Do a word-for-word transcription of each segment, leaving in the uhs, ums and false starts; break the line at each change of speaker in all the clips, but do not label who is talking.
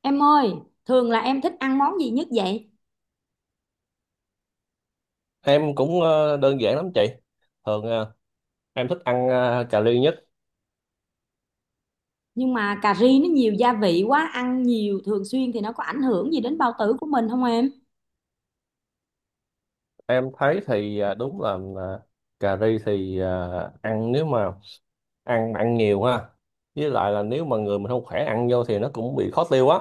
Em ơi, thường là em thích ăn món gì nhất vậy?
Em cũng ờ, đơn giản lắm chị. Thường ờ, em thích ăn ờ, cà ri nhất.
Nhưng mà cà ri nó nhiều gia vị quá, ăn nhiều thường xuyên thì nó có ảnh hưởng gì đến bao tử của mình không em?
Em thấy thì ờ, đúng là ờ, cà ri thì ờ, ăn nếu mà ăn ăn nhiều ha. Với lại là nếu mà người mình không khỏe ăn vô thì nó cũng bị khó tiêu á.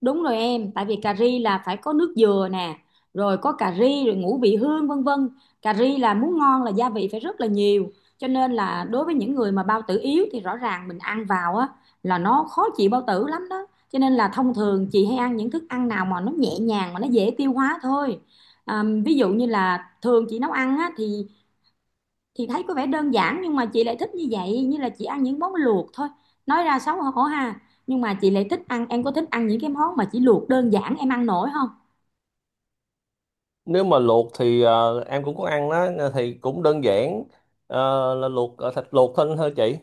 Đúng rồi em, tại vì cà ri là phải có nước dừa nè, rồi có cà ri, rồi ngũ vị hương vân vân. Cà ri là muốn ngon là gia vị phải rất là nhiều. Cho nên là đối với những người mà bao tử yếu thì rõ ràng mình ăn vào á là nó khó chịu bao tử lắm đó. Cho nên là thông thường chị hay ăn những thức ăn nào mà nó nhẹ nhàng mà nó dễ tiêu hóa thôi. À, ví dụ như là thường chị nấu ăn á, thì chị thấy có vẻ đơn giản nhưng mà chị lại thích như vậy, như là chị ăn những món luộc thôi, nói ra xấu hổ ha, nhưng mà chị lại thích ăn, em có thích ăn những cái món mà chỉ luộc đơn giản, em ăn nổi không?
Nếu mà luộc thì ờ, em cũng có ăn đó ờ, thì cũng đơn giản. Ờ, là luộc ờ, thịt luộc thôi thôi chị.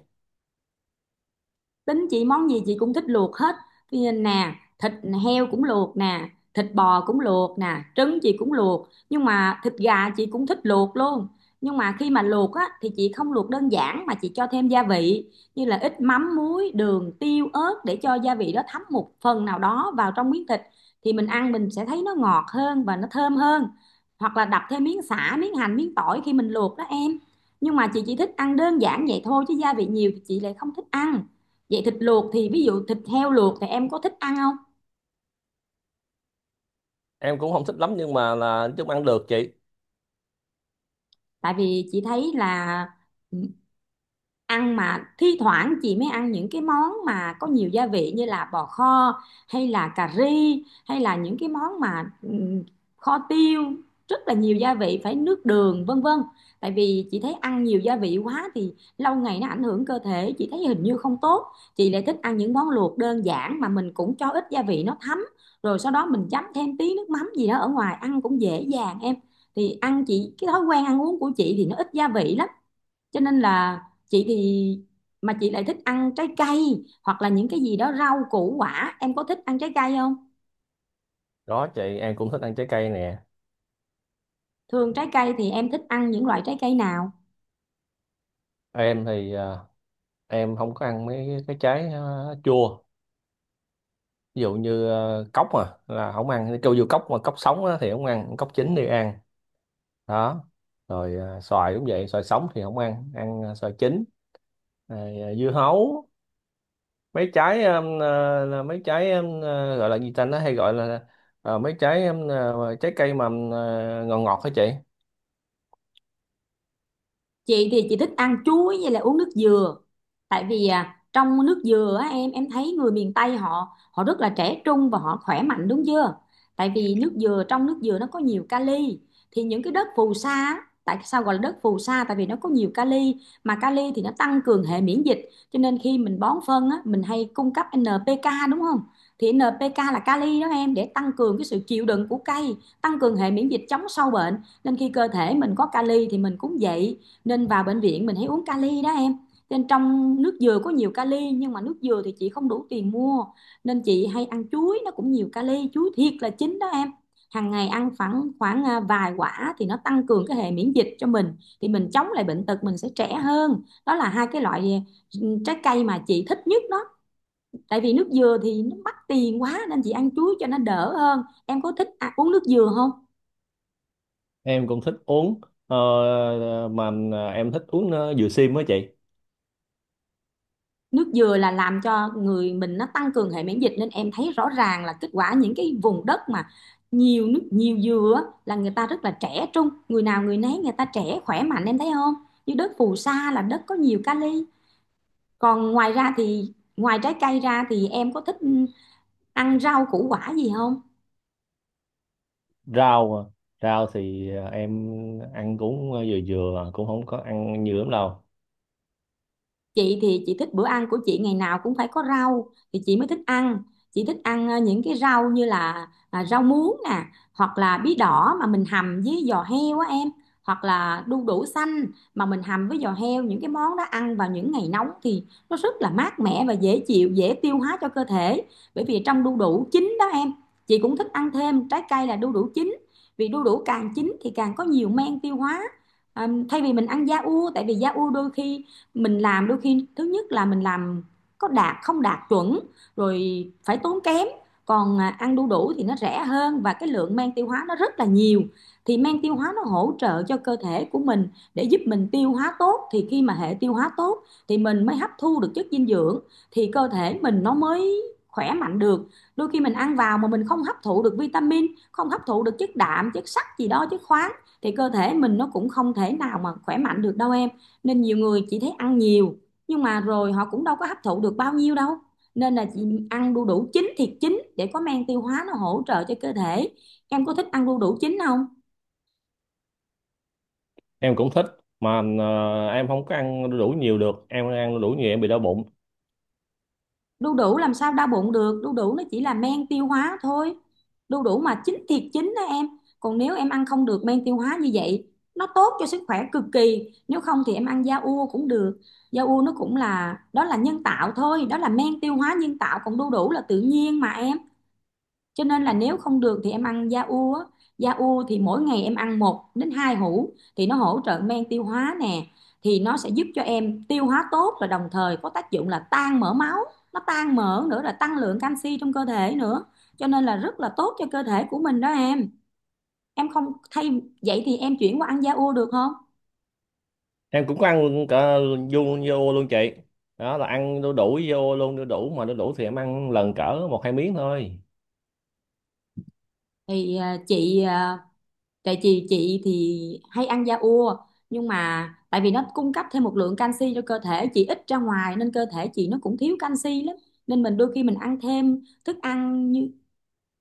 Tính chị món gì chị cũng thích luộc hết. Ví dụ nè, thịt heo cũng luộc nè, thịt bò cũng luộc nè, trứng chị cũng luộc, nhưng mà thịt gà chị cũng thích luộc luôn. Nhưng mà khi mà luộc á thì chị không luộc đơn giản mà chị cho thêm gia vị như là ít mắm, muối, đường, tiêu, ớt để cho gia vị đó thấm một phần nào đó vào trong miếng thịt, thì mình ăn mình sẽ thấy nó ngọt hơn và nó thơm hơn, hoặc là đập thêm miếng sả, miếng hành, miếng tỏi khi mình luộc đó em. Nhưng mà chị chỉ thích ăn đơn giản vậy thôi, chứ gia vị nhiều thì chị lại không thích ăn. Vậy thịt luộc thì ví dụ thịt heo luộc thì em có thích ăn không?
Em cũng không thích lắm nhưng mà là chúng ăn được chị.
Tại vì chị thấy là ừ, ăn mà thi thoảng chị mới ăn những cái món mà có nhiều gia vị như là bò kho, hay là cà ri, hay là những cái món mà ừm, kho tiêu, rất là nhiều gia vị, phải nước đường vân vân. Tại vì chị thấy ăn nhiều gia vị quá thì lâu ngày nó ảnh hưởng cơ thể, chị thấy hình như không tốt. Chị lại thích ăn những món luộc đơn giản mà mình cũng cho ít gia vị nó thấm, rồi sau đó mình chấm thêm tí nước mắm gì đó ở ngoài ăn cũng dễ dàng em. Thì ăn chị, cái thói quen ăn uống của chị thì nó ít gia vị lắm, cho nên là chị thì mà chị lại thích ăn trái cây hoặc là những cái gì đó rau củ quả, em có thích ăn trái cây không?
Đó chị, em cũng thích ăn trái cây nè.
Thường trái cây thì em thích ăn những loại trái cây nào?
Em thì ờ, em không có ăn mấy cái trái ờ, chua, ví dụ như ờ, cốc mà là không ăn, kêu vô cốc mà, cốc sống á thì không ăn, cốc chín thì ăn đó. Rồi ờ, xoài cũng vậy, xoài sống thì không ăn, ăn ờ, xoài chín. Rồi ờ, dưa hấu, mấy trái ừm, ờ, là mấy trái ừm, ờ, gọi là gì ta, nó hay gọi là ờ, mấy trái ừm, ờ, trái cây mà ừm, ờ, ngọt ngọt hả chị?
Chị thì chị thích ăn chuối với lại uống nước dừa. Tại vì à, trong nước dừa á, em em thấy người miền Tây họ họ rất là trẻ trung và họ khỏe mạnh đúng chưa? Tại vì nước dừa, trong nước dừa nó có nhiều kali. Thì những cái đất phù sa á, tại sao gọi là đất phù sa? Tại vì nó có nhiều kali, mà kali thì nó tăng cường hệ miễn dịch, cho nên khi mình bón phân á, mình hay cung cấp en pê ca đúng không? Thì en pê ca là kali đó em, để tăng cường cái sự chịu đựng của cây, tăng cường hệ miễn dịch, chống sâu bệnh. Nên khi cơ thể mình có kali thì mình cũng vậy, nên vào bệnh viện mình hãy uống kali đó em. Nên trong nước dừa có nhiều kali, nhưng mà nước dừa thì chị không đủ tiền mua, nên chị hay ăn chuối, nó cũng nhiều kali. Chuối thiệt là chín đó em, hàng ngày ăn khoảng khoảng à, vài quả thì nó tăng cường cái hệ miễn dịch cho mình, thì mình chống lại bệnh tật, mình sẽ trẻ hơn. Đó là hai cái loại ừ, trái cây mà chị thích nhất đó. Tại vì nước dừa thì nó mắc tiền quá nên chị ăn chuối cho nó đỡ hơn. Em có thích à, uống nước dừa không?
Em cũng thích uống, ờ, mà em thích uống ờ, dừa sim á chị.
Nước dừa là làm cho người mình nó tăng cường hệ miễn dịch, nên em thấy rõ ràng là kết quả những cái vùng đất mà nhiều nước, nhiều dừa á, là người ta rất là trẻ trung, người nào người nấy người ta trẻ khỏe mạnh, em thấy không? Như đất phù sa là đất có nhiều kali. Còn ngoài ra thì ngoài trái cây ra thì em có thích ăn rau củ quả gì không?
Rau à. Rau thì ờ, em ăn cũng ờ, vừa vừa, cũng không có ăn nhiều lắm đâu.
Chị thì chị thích bữa ăn của chị ngày nào cũng phải có rau thì chị mới thích ăn. Chị thích ăn ờ, những cái rau như là à, rau muống nè, hoặc là bí đỏ mà mình hầm với giò heo á em, hoặc là đu đủ xanh mà mình hầm với giò heo. Những cái món đó ăn vào những ngày nóng thì nó rất là mát mẻ và dễ chịu, dễ tiêu hóa cho cơ thể. Bởi vì trong đu đủ chín đó em, chị cũng thích ăn thêm trái cây là đu đủ chín, vì đu đủ càng chín thì càng có nhiều men tiêu hóa. À, thay vì mình ăn da ua, tại vì da ua đôi khi mình làm, đôi khi thứ nhất là mình làm có đạt không đạt chuẩn, rồi phải tốn kém. Còn à, ăn đu đủ thì nó rẻ hơn và cái lượng men tiêu hóa nó rất là nhiều, thì men tiêu hóa nó hỗ trợ cho cơ thể của mình, để giúp mình tiêu hóa tốt. Thì khi mà hệ tiêu hóa tốt thì mình mới hấp thu được chất dinh dưỡng, thì cơ thể mình nó mới khỏe mạnh được. Đôi khi mình ăn vào mà mình không hấp thụ được vitamin, không hấp thụ được chất đạm, chất sắt gì đó, chất khoáng, thì cơ thể mình nó cũng không thể nào mà khỏe mạnh được đâu em. Nên nhiều người chỉ thấy ăn nhiều, nhưng mà rồi họ cũng đâu có hấp thụ được bao nhiêu đâu. Nên là chị ăn đu đủ chín, thiệt chín, để có men tiêu hóa nó hỗ trợ cho cơ thể. Em có thích ăn đu đủ chín không?
Em cũng thích, mà ờ, em không có ăn đu đủ nhiều được, em ăn đu đủ nhiều em bị đau bụng.
Đu đủ làm sao đau bụng được, đu đủ nó chỉ là men tiêu hóa thôi, đu đủ mà chín thiệt chín đó em. Còn nếu em ăn không được men tiêu hóa, như vậy nó tốt cho sức khỏe cực kỳ. Nếu không thì em ăn da ua cũng được. Da ua nó cũng là, đó là nhân tạo thôi, đó là men tiêu hóa nhân tạo, còn đu đủ là tự nhiên mà em. Cho nên là nếu không được thì em ăn da u á. Da u thì mỗi ngày em ăn một đến hai hũ thì nó hỗ trợ men tiêu hóa nè, thì nó sẽ giúp cho em tiêu hóa tốt và đồng thời có tác dụng là tan mỡ máu, nó tan mỡ nữa, là tăng lượng canxi trong cơ thể nữa, cho nên là rất là tốt cho cơ thể của mình đó em. Em không thay vậy thì em chuyển qua ăn da u được không?
Em cũng có ăn, cả vô, vô luôn chị. Đó là ăn đu đủ vô luôn, đu đủ mà, đu đủ thì em ăn lần cỡ một hai miếng thôi.
Thì à, chị à, tại chị chị thì hay ăn da ua, nhưng mà tại vì nó cung cấp thêm một lượng canxi cho cơ thể chị, ít ra ngoài nên cơ thể chị nó cũng thiếu canxi lắm, nên mình đôi khi mình ăn thêm thức ăn, như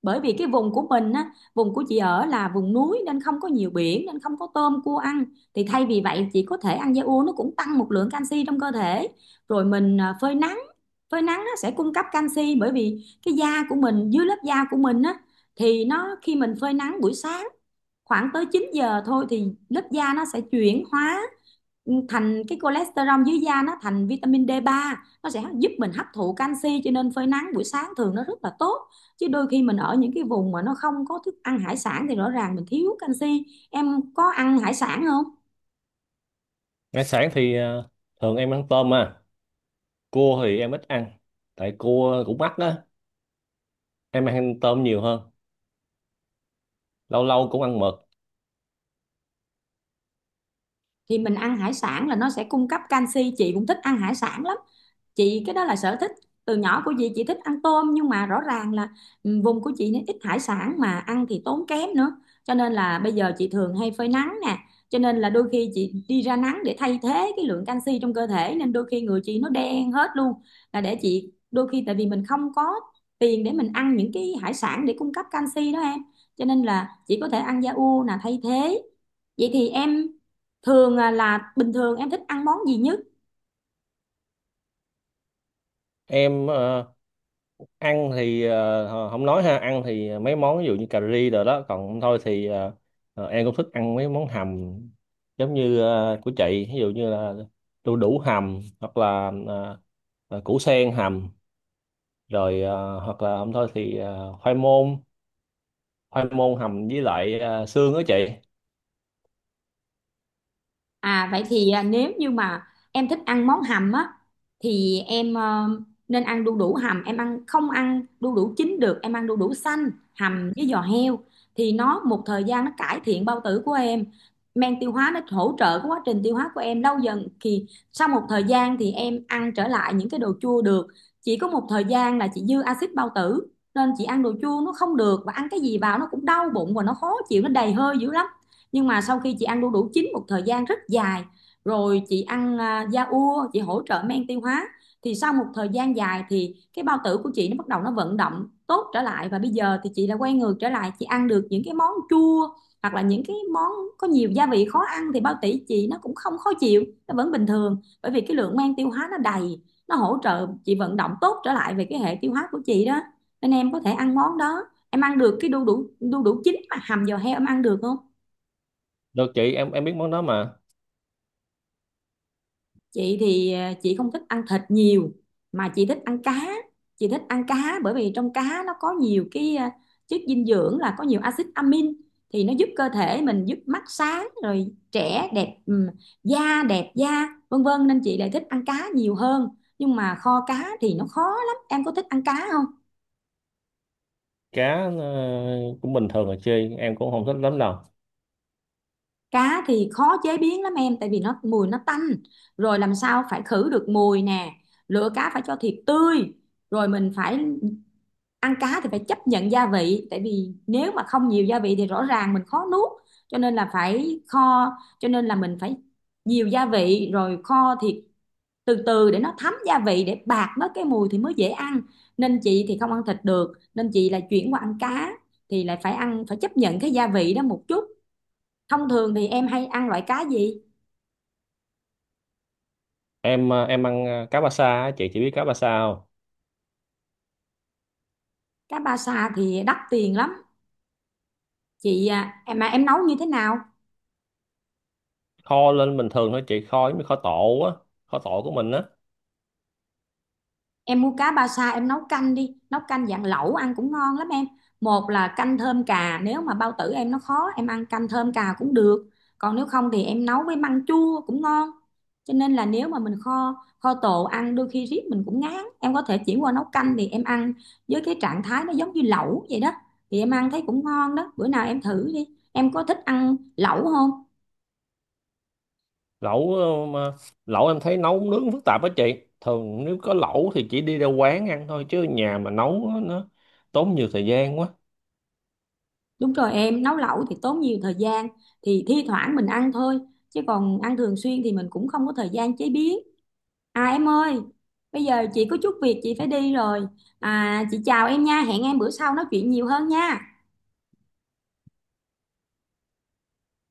bởi vì cái vùng của mình á, vùng của chị ở là vùng núi nên không có nhiều biển nên không có tôm cua ăn, thì thay vì vậy chị có thể ăn da ua, nó cũng tăng một lượng canxi trong cơ thể. Rồi mình à, phơi nắng, phơi nắng nó sẽ cung cấp canxi, bởi vì cái da của mình, dưới lớp da của mình á, thì nó khi mình phơi nắng buổi sáng khoảng tới chín giờ thôi, thì lớp da nó sẽ chuyển hóa ừ, thành cái cholesterol dưới da, nó thành vitamin d ba, nó sẽ giúp mình hấp thụ canxi, cho nên phơi nắng buổi sáng thường nó rất là tốt. Chứ đôi khi mình ở những cái vùng mà nó không có thức ăn hải sản thì rõ ràng mình thiếu canxi. Em có ăn hải sản không?
Ngày sáng thì ờ, thường em ăn tôm à, cua thì em ít ăn, tại cua cũng mắc đó, em ăn tôm nhiều hơn, lâu lâu cũng ăn mực.
Thì mình ăn hải sản là nó sẽ cung cấp canxi, chị cũng thích ăn hải sản lắm. Chị, cái đó là sở thích từ nhỏ của chị chị thích ăn tôm, nhưng mà rõ ràng là ừ, vùng của chị nó ít hải sản mà ăn thì tốn kém nữa, cho nên là bây giờ chị thường hay phơi nắng nè, cho Nên là đôi khi chị đi ra nắng để thay thế cái lượng canxi trong cơ thể, nên đôi khi người chị nó đen hết luôn, là để chị. Đôi khi tại vì mình không có tiền để mình ăn những cái hải sản để cung cấp canxi đó em, cho nên là chị có thể ăn da u là thay thế. Vậy thì em thường à, là bình thường em thích ăn món gì nhất?
Em ờ, ăn thì ờ, không nói ha, ăn thì mấy món ví dụ như cà ri rồi đó, còn thôi thì ờ, ờ, em cũng thích ăn mấy món hầm, giống như ờ, của chị, ví dụ như là đu đủ hầm, hoặc là ờ, ờ, củ sen hầm, rồi ờ, hoặc là không thôi thì ờ, khoai môn, khoai môn hầm với lại ờ, xương đó chị.
À, vậy thì à, nếu như mà em thích ăn món hầm á, thì em ờ, nên ăn đu đủ hầm. Em ăn không, ăn đu đủ chín được, em ăn đu đủ xanh hầm với giò heo thì nó một thời gian nó cải thiện bao tử của em, men tiêu hóa nó hỗ trợ cái quá trình tiêu hóa của em, lâu dần thì sau một thời gian thì em ăn trở lại những cái đồ chua được. Chỉ có một thời gian là chị dư axit bao tử nên chị ăn đồ chua nó không được, và ăn cái gì vào nó cũng đau bụng và nó khó chịu, nó đầy hơi dữ lắm. Nhưng mà sau khi chị ăn đu đủ chín một thời gian rất dài, rồi chị ăn à, da ua, chị hỗ trợ men tiêu hóa thì sau một thời gian dài thì cái bao tử của chị nó bắt đầu nó vận động tốt trở lại, và bây giờ thì chị đã quay ngược trở lại, chị ăn được những cái món chua hoặc là những cái món có nhiều gia vị khó ăn, thì bao tử chị nó cũng không khó chịu, nó vẫn bình thường, bởi vì cái lượng men tiêu hóa nó đầy, nó hỗ trợ chị vận động tốt trở lại về cái hệ tiêu hóa của chị đó. Nên em có thể ăn món đó. Em ăn được cái đu đủ, đu đủ chín mà hầm giò heo, em ăn được không?
Được chị, em em biết món đó mà.
Chị thì à, chị không thích ăn thịt nhiều, mà chị thích ăn cá. Chị thích ăn cá bởi vì trong cá nó có nhiều cái à, chất dinh dưỡng, là có nhiều axit amin thì nó giúp cơ thể mình, giúp mắt sáng rồi trẻ đẹp, ừm, da đẹp da, vân vân, nên chị lại thích ăn cá nhiều hơn. Nhưng mà kho cá thì nó khó lắm, em có thích ăn cá không?
Cá ờ, cũng bình thường là chơi, em cũng không thích lắm đâu.
Cá thì khó chế biến lắm em, tại vì nó mùi, nó tanh, rồi làm sao phải khử được mùi nè, lựa cá phải cho thiệt tươi, rồi mình phải ăn cá thì phải chấp nhận gia vị, tại vì nếu mà không nhiều gia vị thì rõ ràng mình khó nuốt, cho nên là phải kho. Cho nên là mình phải nhiều gia vị rồi kho thịt từ từ để nó thấm gia vị, để bạc mất cái mùi thì mới dễ ăn. Nên chị thì không ăn thịt được nên chị là chuyển qua ăn cá, thì lại phải ăn, phải chấp nhận cái gia vị đó một chút. Thông thường thì em hay ăn loại cá gì?
Em ờ, em ăn ờ, cá ba sa á chị, chỉ biết cá ba sa không?
Cá ba sa thì đắt tiền lắm. Chị à, em mà em nấu như thế nào?
Kho lên bình thường thôi chị, kho giống như kho tộ á, kho tộ của mình á.
Em mua cá ba sa em nấu canh đi, nấu canh dạng lẩu ăn cũng ngon lắm em. Một là canh thơm cà, nếu mà bao tử em nó khó, em ăn canh thơm cà cũng được, còn nếu không thì em nấu với măng chua cũng ngon. Cho nên là nếu mà mình kho, kho tộ ăn đôi khi riết mình cũng ngán, em có thể chuyển qua nấu canh thì em ăn với cái trạng thái nó giống như lẩu vậy đó, thì em ăn thấy cũng ngon đó. Bữa nào em thử đi, em có thích ăn lẩu không?
Lẩu ờ, mà lẩu em thấy nấu nướng phức tạp á chị, thường nếu có lẩu thì chỉ đi ra quán ăn thôi, chứ nhà mà nấu á, nó tốn nhiều thời gian quá.
Đúng rồi em, nấu lẩu thì tốn nhiều thời gian, thì thi thoảng mình ăn thôi, chứ còn ăn thường xuyên thì mình cũng không có thời gian chế biến. À em ơi, bây giờ chị có chút việc chị phải đi rồi. À chị chào em nha, hẹn em bữa sau nói chuyện nhiều hơn nha.